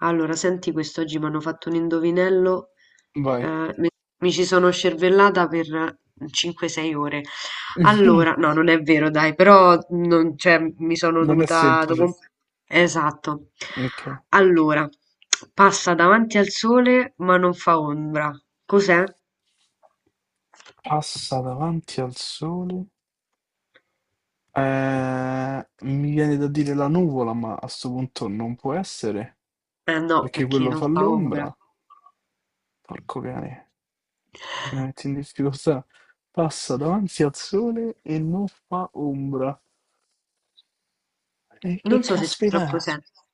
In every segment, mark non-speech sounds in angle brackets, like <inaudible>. Allora, senti quest'oggi mi hanno fatto un indovinello, Vai. eh, mi mi ci sono scervellata per 5-6 ore. Allora, <laughs> no, non è vero, dai, però non, cioè, mi sono Non è dovuta... dopo- semplice. un- Esatto. Ok. Allora, passa davanti al sole ma non fa ombra. Cos'è? Passa davanti al sole. Mi viene da dire la nuvola, ma a sto punto non può essere, Eh no, perché perché quello non fa fa ombra. l'ombra. Porco cane, mi metti in difficoltà. Passa davanti al sole e non fa ombra. E Non che so se c'è caspita troppo è? senso.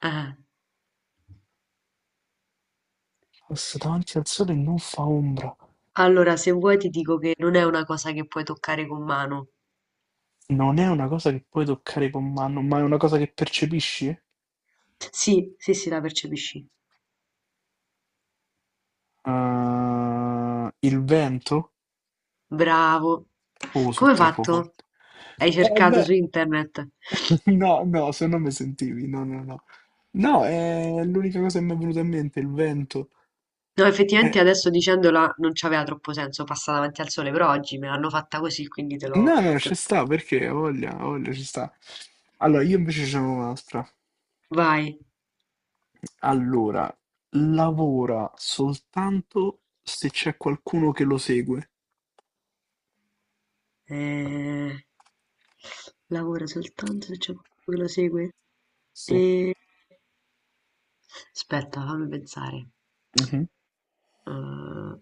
Eh. Passa davanti al sole e non fa ombra. Allora, se vuoi ti dico che non è una cosa che puoi toccare con mano. Non è una cosa che puoi toccare con mano, ma è una cosa che percepisci? Sì, sì, sì, la percepisci. Il vento? Bravo. Oh, sono Come hai troppo fatto? forte. Hai Eh cercato su beh, internet? <laughs> no, no, se no mi sentivi, no, no, no. No, è l'unica cosa che mi è venuta in mente, il vento. No, Eh, effettivamente adesso dicendola non c'aveva troppo senso, passa davanti al sole, però oggi me l'hanno fatta così, quindi no, no, te ci sta, perché ho voglia, ci sta. Allora, io invece ce n'ho un'altra. lo- Vai. Allora, lavora soltanto se c'è qualcuno che lo segue. Eh, Lavora soltanto se c'è qualcuno che lo segue. Sì. E... Aspetta, fammi pensare. Mhm. Eh,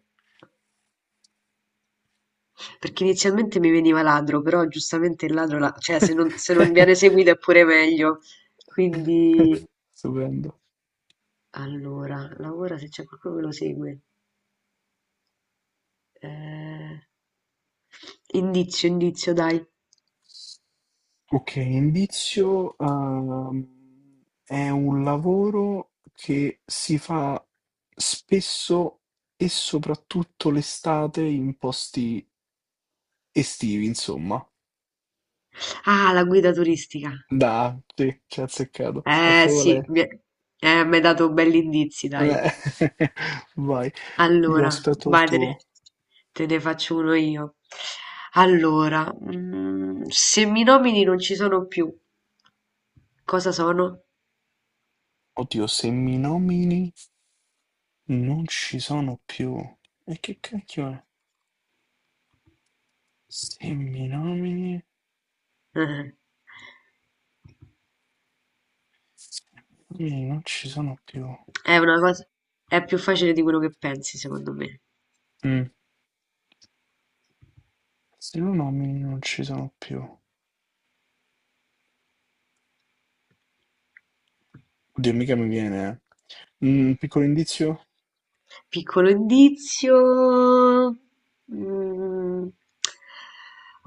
Perché inizialmente mi veniva ladro, però giustamente il ladro la cioè se non <laughs> viene seguito è pure meglio. Quindi Stupendo. allora, lavora se c'è qualcuno che lo segue. Ehm, indizio, indizio dai. Ok, indizio, è un lavoro che si fa spesso e soprattutto l'estate in posti estivi, insomma. Ah, la guida turistica. Da, sì, ci ha azzeccato. È Eh proprio sì, lei. mi è m'hai dato belli indizi, dai. Eh, <laughs> Vai, io Allora, aspetto il vai, tuo. te ne faccio uno io. Allora, mm, se mi nomini non ci sono più, cosa sono? Oddio, se mi nomini non ci sono più. E che cacchio è? Se mi nomini, <laughs> non ci sono più. È una cosa è più facile di quello che pensi, secondo me. Mm. Se lo nomini non ci sono più. Oddio, mica mi viene. Un piccolo indizio? Piccolo indizio. Mm.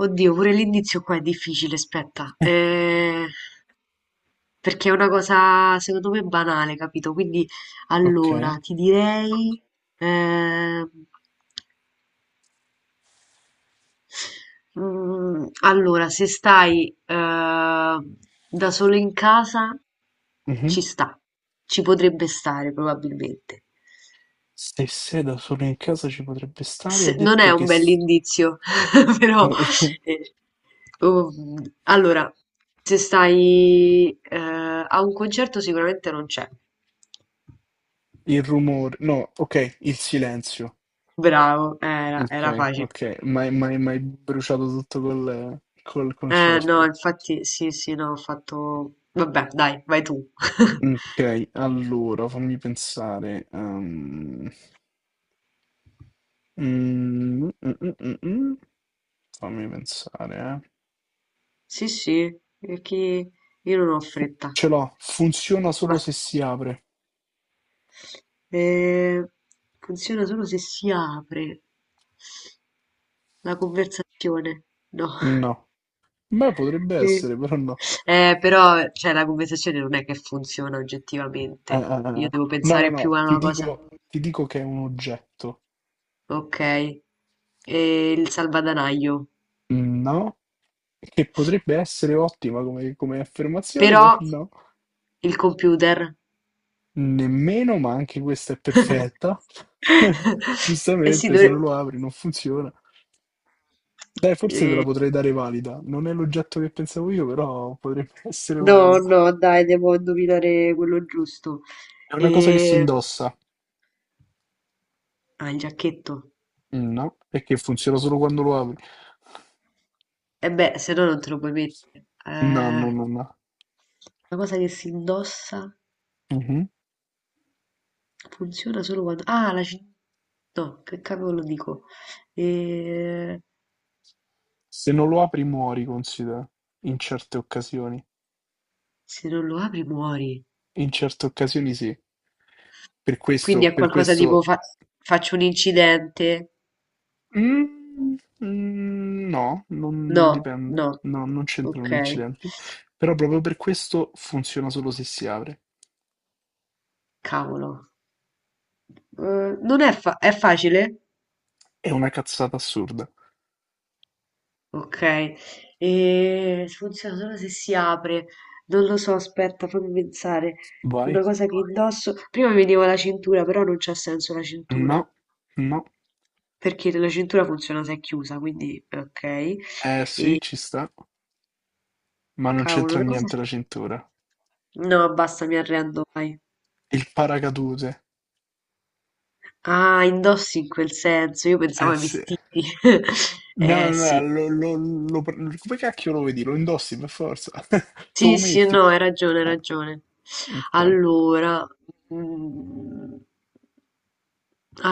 Oddio, pure l'indizio qua è difficile, aspetta. Perché è una cosa, secondo me, banale, capito? Quindi, Ok. allora, ti direi... ehm, allora, se stai da solo in casa, Mhm. ci sta. Ci potrebbe stare, probabilmente. Se sei da solo in casa ci potrebbe stare, ha S- non è detto un che s- bell'indizio, <laughs> però <laughs> eh, um, allora, se stai a un concerto sicuramente non c'è. il rumore. No, ok, il silenzio. Bravo, era, Ok, era facile. ok. Ma hai bruciato tutto col No, concerto. infatti, sì, sì, no, ho fatto... Vabbè, dai, vai tu. <laughs> Ok, allora fammi pensare. Mm, mm, mm, mm, mm. Fammi pensare, eh. Sì, sì, perché io non ho Fu- fretta. Ce l'ho, funziona solo Va. se si apre. Eh, funziona solo se si apre la conversazione. No. No. Beh, potrebbe Sì. essere, però no. Però, cioè, la conversazione non è che funziona Eh, eh, oggettivamente. eh. Io eh. devo no, no, pensare più no, a ti una cosa. dico, che è un oggetto. Ok. E il salvadanaio. No, che potrebbe essere ottima come, affermazione, Però però no. il computer. Nemmeno, ma anche questa è perfetta. <laughs> <laughs> Eh sì, Giustamente, se dovre- non lo apri non funziona. Dai, forse te la potrei dare valida. Non è l'oggetto che pensavo io, però potrebbe <laughs> essere No, valida. no, dai, devo indovinare quello giusto. È una cosa che si E... indossa. Ah, il giacchetto. No, è che funziona solo quando lo apri. E beh, se no non te lo puoi mettere. No, no, Una no, no. cosa che si indossa. Mhm. Funziona solo quando ah, la ci no, che cavolo dico? Ehm, Se non lo apri muori, considera, in certe occasioni. se non lo apri muori. In certe occasioni sì. Quindi è Per qualcosa tipo questo... fa- faccio un incidente? Mm, no, No, non dipende. no. No, non c'entrano Ok. gli incidenti. Però proprio per questo funziona solo se si apre. Cavolo. Non è, fa- è facile? È una cazzata assurda. Ok. E funziona solo se si apre. Non lo so, aspetta, fammi pensare. Vai. Una cosa che indosso. Prima mi vedevo la cintura, però non c'ha senso la No, cintura. no. Perché la cintura funziona se è chiusa, quindi ok. Eh sì, E ci sta. Ma non cavolo, c'entra una cosa... niente la cintura. No, basta, mi arrendo, vai. Il paracadute. Ah, indossi in quel senso, io pensavo Eh ai sì. vestiti. <laughs> No, no, Eh no, sì, come cacchio lo vedi? Lo indossi per forza. <laughs> Te lo sì, sì, metti. no, hai ragione, hai Ah, ragione. ok. Allora, mm,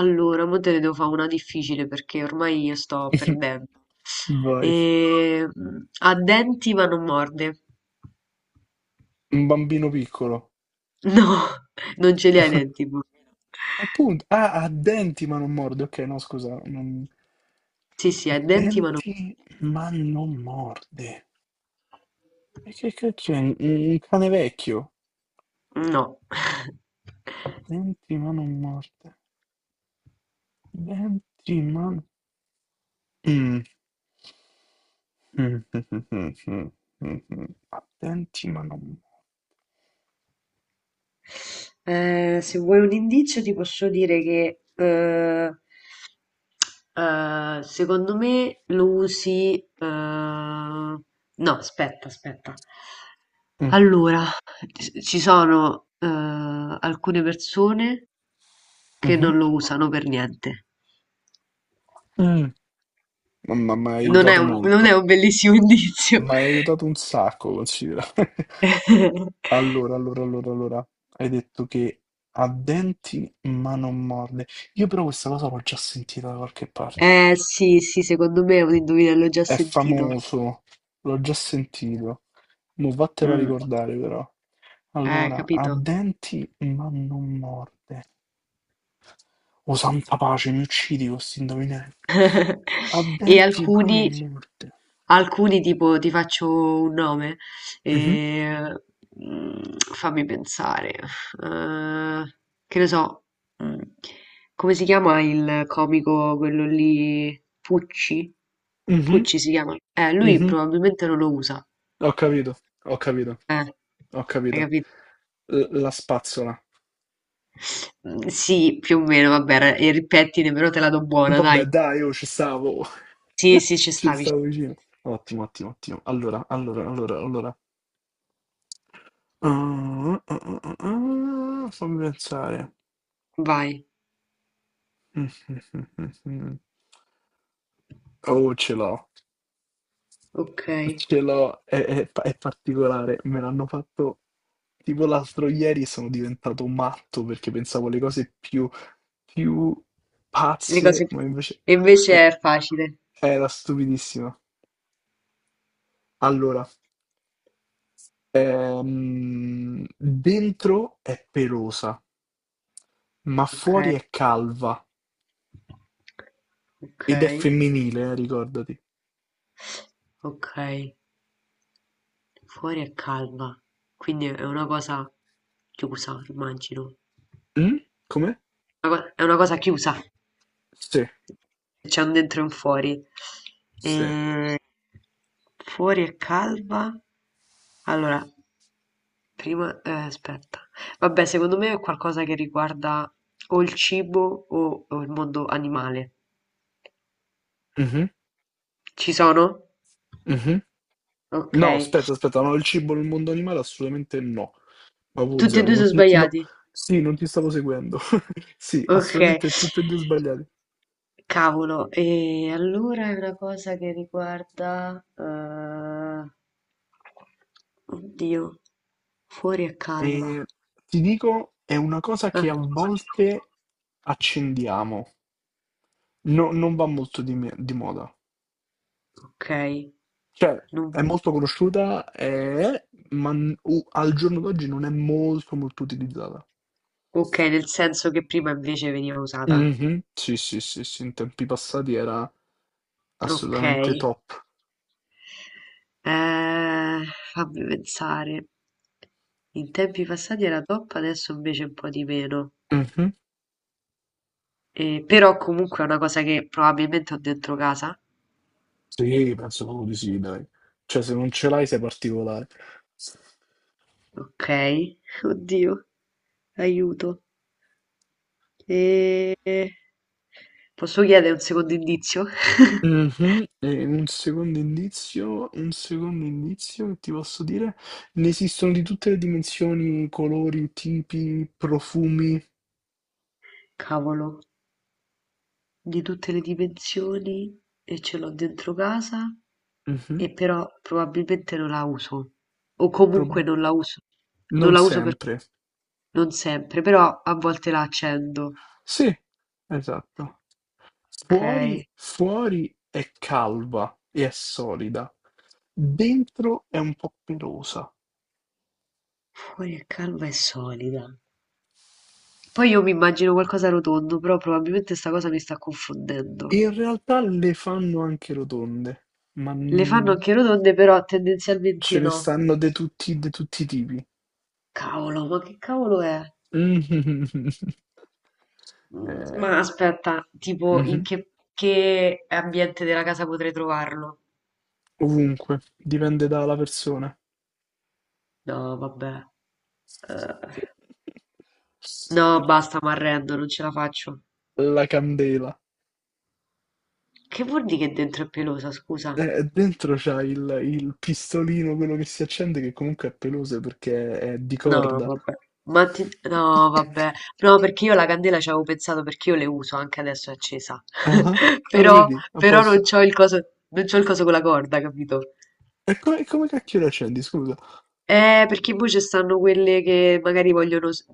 allora, mo te ne devo fare una difficile perché ormai io sto <laughs> perdendo. Vai. E, mm, ha denti ma non morde. Un bambino piccolo. No, <laughs> non ce li ha i <laughs> denti. Bu. Appunto. Ah, ha denti ma non morde. Ok, no, scusa. Sì, sì, Ha ha i denti ma non... denti ma non morde. E che cacchio è? Un cane vecchio? No. <laughs> Ha denti ma non morde. Denti ma... Mm. Mh, mh, mh, mh, mh, Attenti ma non se vuoi un indizio ti posso dire che secondo me lo usi... No, aspetta, aspetta. mh, Allora, ci sono alcune persone che mh-mh. non lo usano per niente. Mh. Mamma m'hai Non è aiutato un, non è molto. un bellissimo <laughs> indizio. M'hai aiutato un sacco, considera. <laughs> <laughs> Allora, allora, allora, allora, hai detto che ha denti ma non morde. Io però questa cosa l'ho già sentita da qualche parte. Eh sì, sì, secondo me è un indovinello già È sentito. famoso, l'ho già sentito. Mo' vattelo a Mm, ricordare però. Allora, ha capito. denti ma non morde. O santa pace, mi uccidi con sti indovinelli. <laughs> E Avverti ma alcuni, non morte. alcuni tipo ti faccio un nome. Mhm, eh, mm, fammi pensare. Eh, che ne so. Mm, come si chiama il comico, quello lì? Pucci? mhm, Pucci si chiama. Lui mhm. probabilmente non lo usa. Ho capito, ho capito, Eh, ho hai capito. capito? La spazzola. Mhmm, sì, più o meno, vabbè, era eri il pettine, però te la do buona, Vabbè, dai. dai, io ci stavo. Sì, sì, ci <laughs> Ci stavi, ci stavo stavi. vicino. Ottimo, ottimo, ottimo. Allora, allora, allora, allora. Ah, ah, ah, ah, ah, fammi pensare. Vai, <laughs> Mm, mm, mm, mm, mm. Oh, ce l'ho. ok. Ce l'ho, è particolare, me l'hanno fatto tipo l'altro ieri e sono diventato matto perché pensavo alle cose più Le pazze, cose più... ma invece E invece è- è facile. era stupidissima. Allora, dentro è pelosa, ma Ok, fuori è calva ok, ed è femminile, ricordati. ok. Fuori è calma, quindi è una cosa chiusa, immagino. Mm? Come? Una co- È una cosa chiusa. Sì, C'è un dentro e un fuori. sì. E... Fuori è calma. Allora, Prima aspetta. Vabbè, secondo me è qualcosa che riguarda o il cibo o il mondo animale. Mhm, Ci sono? mhm. No, Ok. aspetta, aspetta, no, il cibo nel mondo animale assolutamente no. Ma Tutti e Wuzzero, due non sono ti... no. sbagliati. Sì, non ti stavo seguendo. <laughs> Sì, Ok. assolutamente tutte e due sbagliate. Cavolo, e allora è una cosa che riguarda... Oddio, fuori è E calma. ti dico, è una cosa Ah, che a volte accendiamo. Non va molto di, di moda. ok. Cioè, Non- è molto conosciuta, ma al giorno d'oggi non è molto molto utilizzata. Ok, nel senso che prima invece veniva usata. Mhm, sì, sì, sì, sì, in tempi passati era Ok. assolutamente top. Eh, fammi pensare. In tempi passati era top, adesso invece un po' di meno. Mhm. Però comunque è una cosa che probabilmente ho dentro casa. Sì, penso proprio di sì, dai. Cioè, se non ce l'hai sei particolare. Ok, <laughs> oddio, aiuto. E... Posso chiedere un secondo indizio? <laughs> Mh-mh, e un secondo indizio che ti posso dire, ne esistono di tutte le dimensioni, colori, tipi, profumi. Cavolo, di tutte le dimensioni e ce l'ho dentro casa Mh-mh, e però probabilmente non la uso. O pro comunque non la uso. Non non la uso per sempre. Non sempre, però a volte la accendo. Sì, esatto. Okay. Fuori è calva e è solida, dentro è un po' pelosa. Fuori è calma e solida. Poi io mi immagino qualcosa rotondo, però probabilmente sta cosa mi sta confondendo. In realtà le fanno anche rotonde, ma, Le fanno mhmm, anche rotonde, però ce tendenzialmente ne no. stanno de tutti i tipi. Cavolo, ma che cavolo è? Mh-mh-mh-mh. <laughs> Mm, Eh. Ma aspetta, tipo Mh-mh. in che ambiente della casa potrei trovarlo? Ovunque, dipende dalla persona. No, vabbè. Eh, no, basta, mi arrendo, non ce la faccio. La candela. Che vuol dire che dentro è pelosa, scusa? Dentro c'ha il pistolino, quello che si accende, che comunque è peloso perché è di No, corda. vabbè. Ma ti... No, <laughs> vabbè. No, perché io la candela ci avevo pensato perché io le uso, anche adesso è accesa. Ah-ah. <laughs> Ah, lo Però, vedi? A però posto. non c'ho il coso, non c'ho il coso con la corda, capito? E come cacchio lo accendi, scusa? Perché poi ci stanno quelle che magari vogliono s-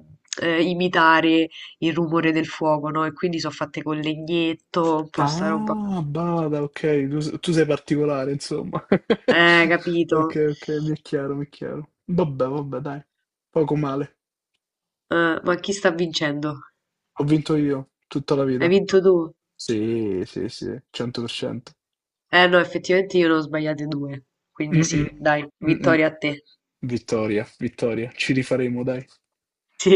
imitare il rumore del fuoco, no? E quindi sono fatte con legnetto, un po' sta roba. Ah, bada, okay. Tu sei particolare insomma. <laughs> Capito. Okay, okay, mi è chiaro, mi è chiaro. Vabbè, vabbè dai, poco male. Ma chi sta vincendo? Ho vinto io, tutta la Hai vita. vinto tu? Sì, sì, sì, 100%. Eh no, effettivamente io ne ho sbagliate due. Quindi Mh-mh. sì, dai, Mh-mh. vittoria a te. Vittoria, vittoria. Ci rifaremo, dai. <laughs> Sì.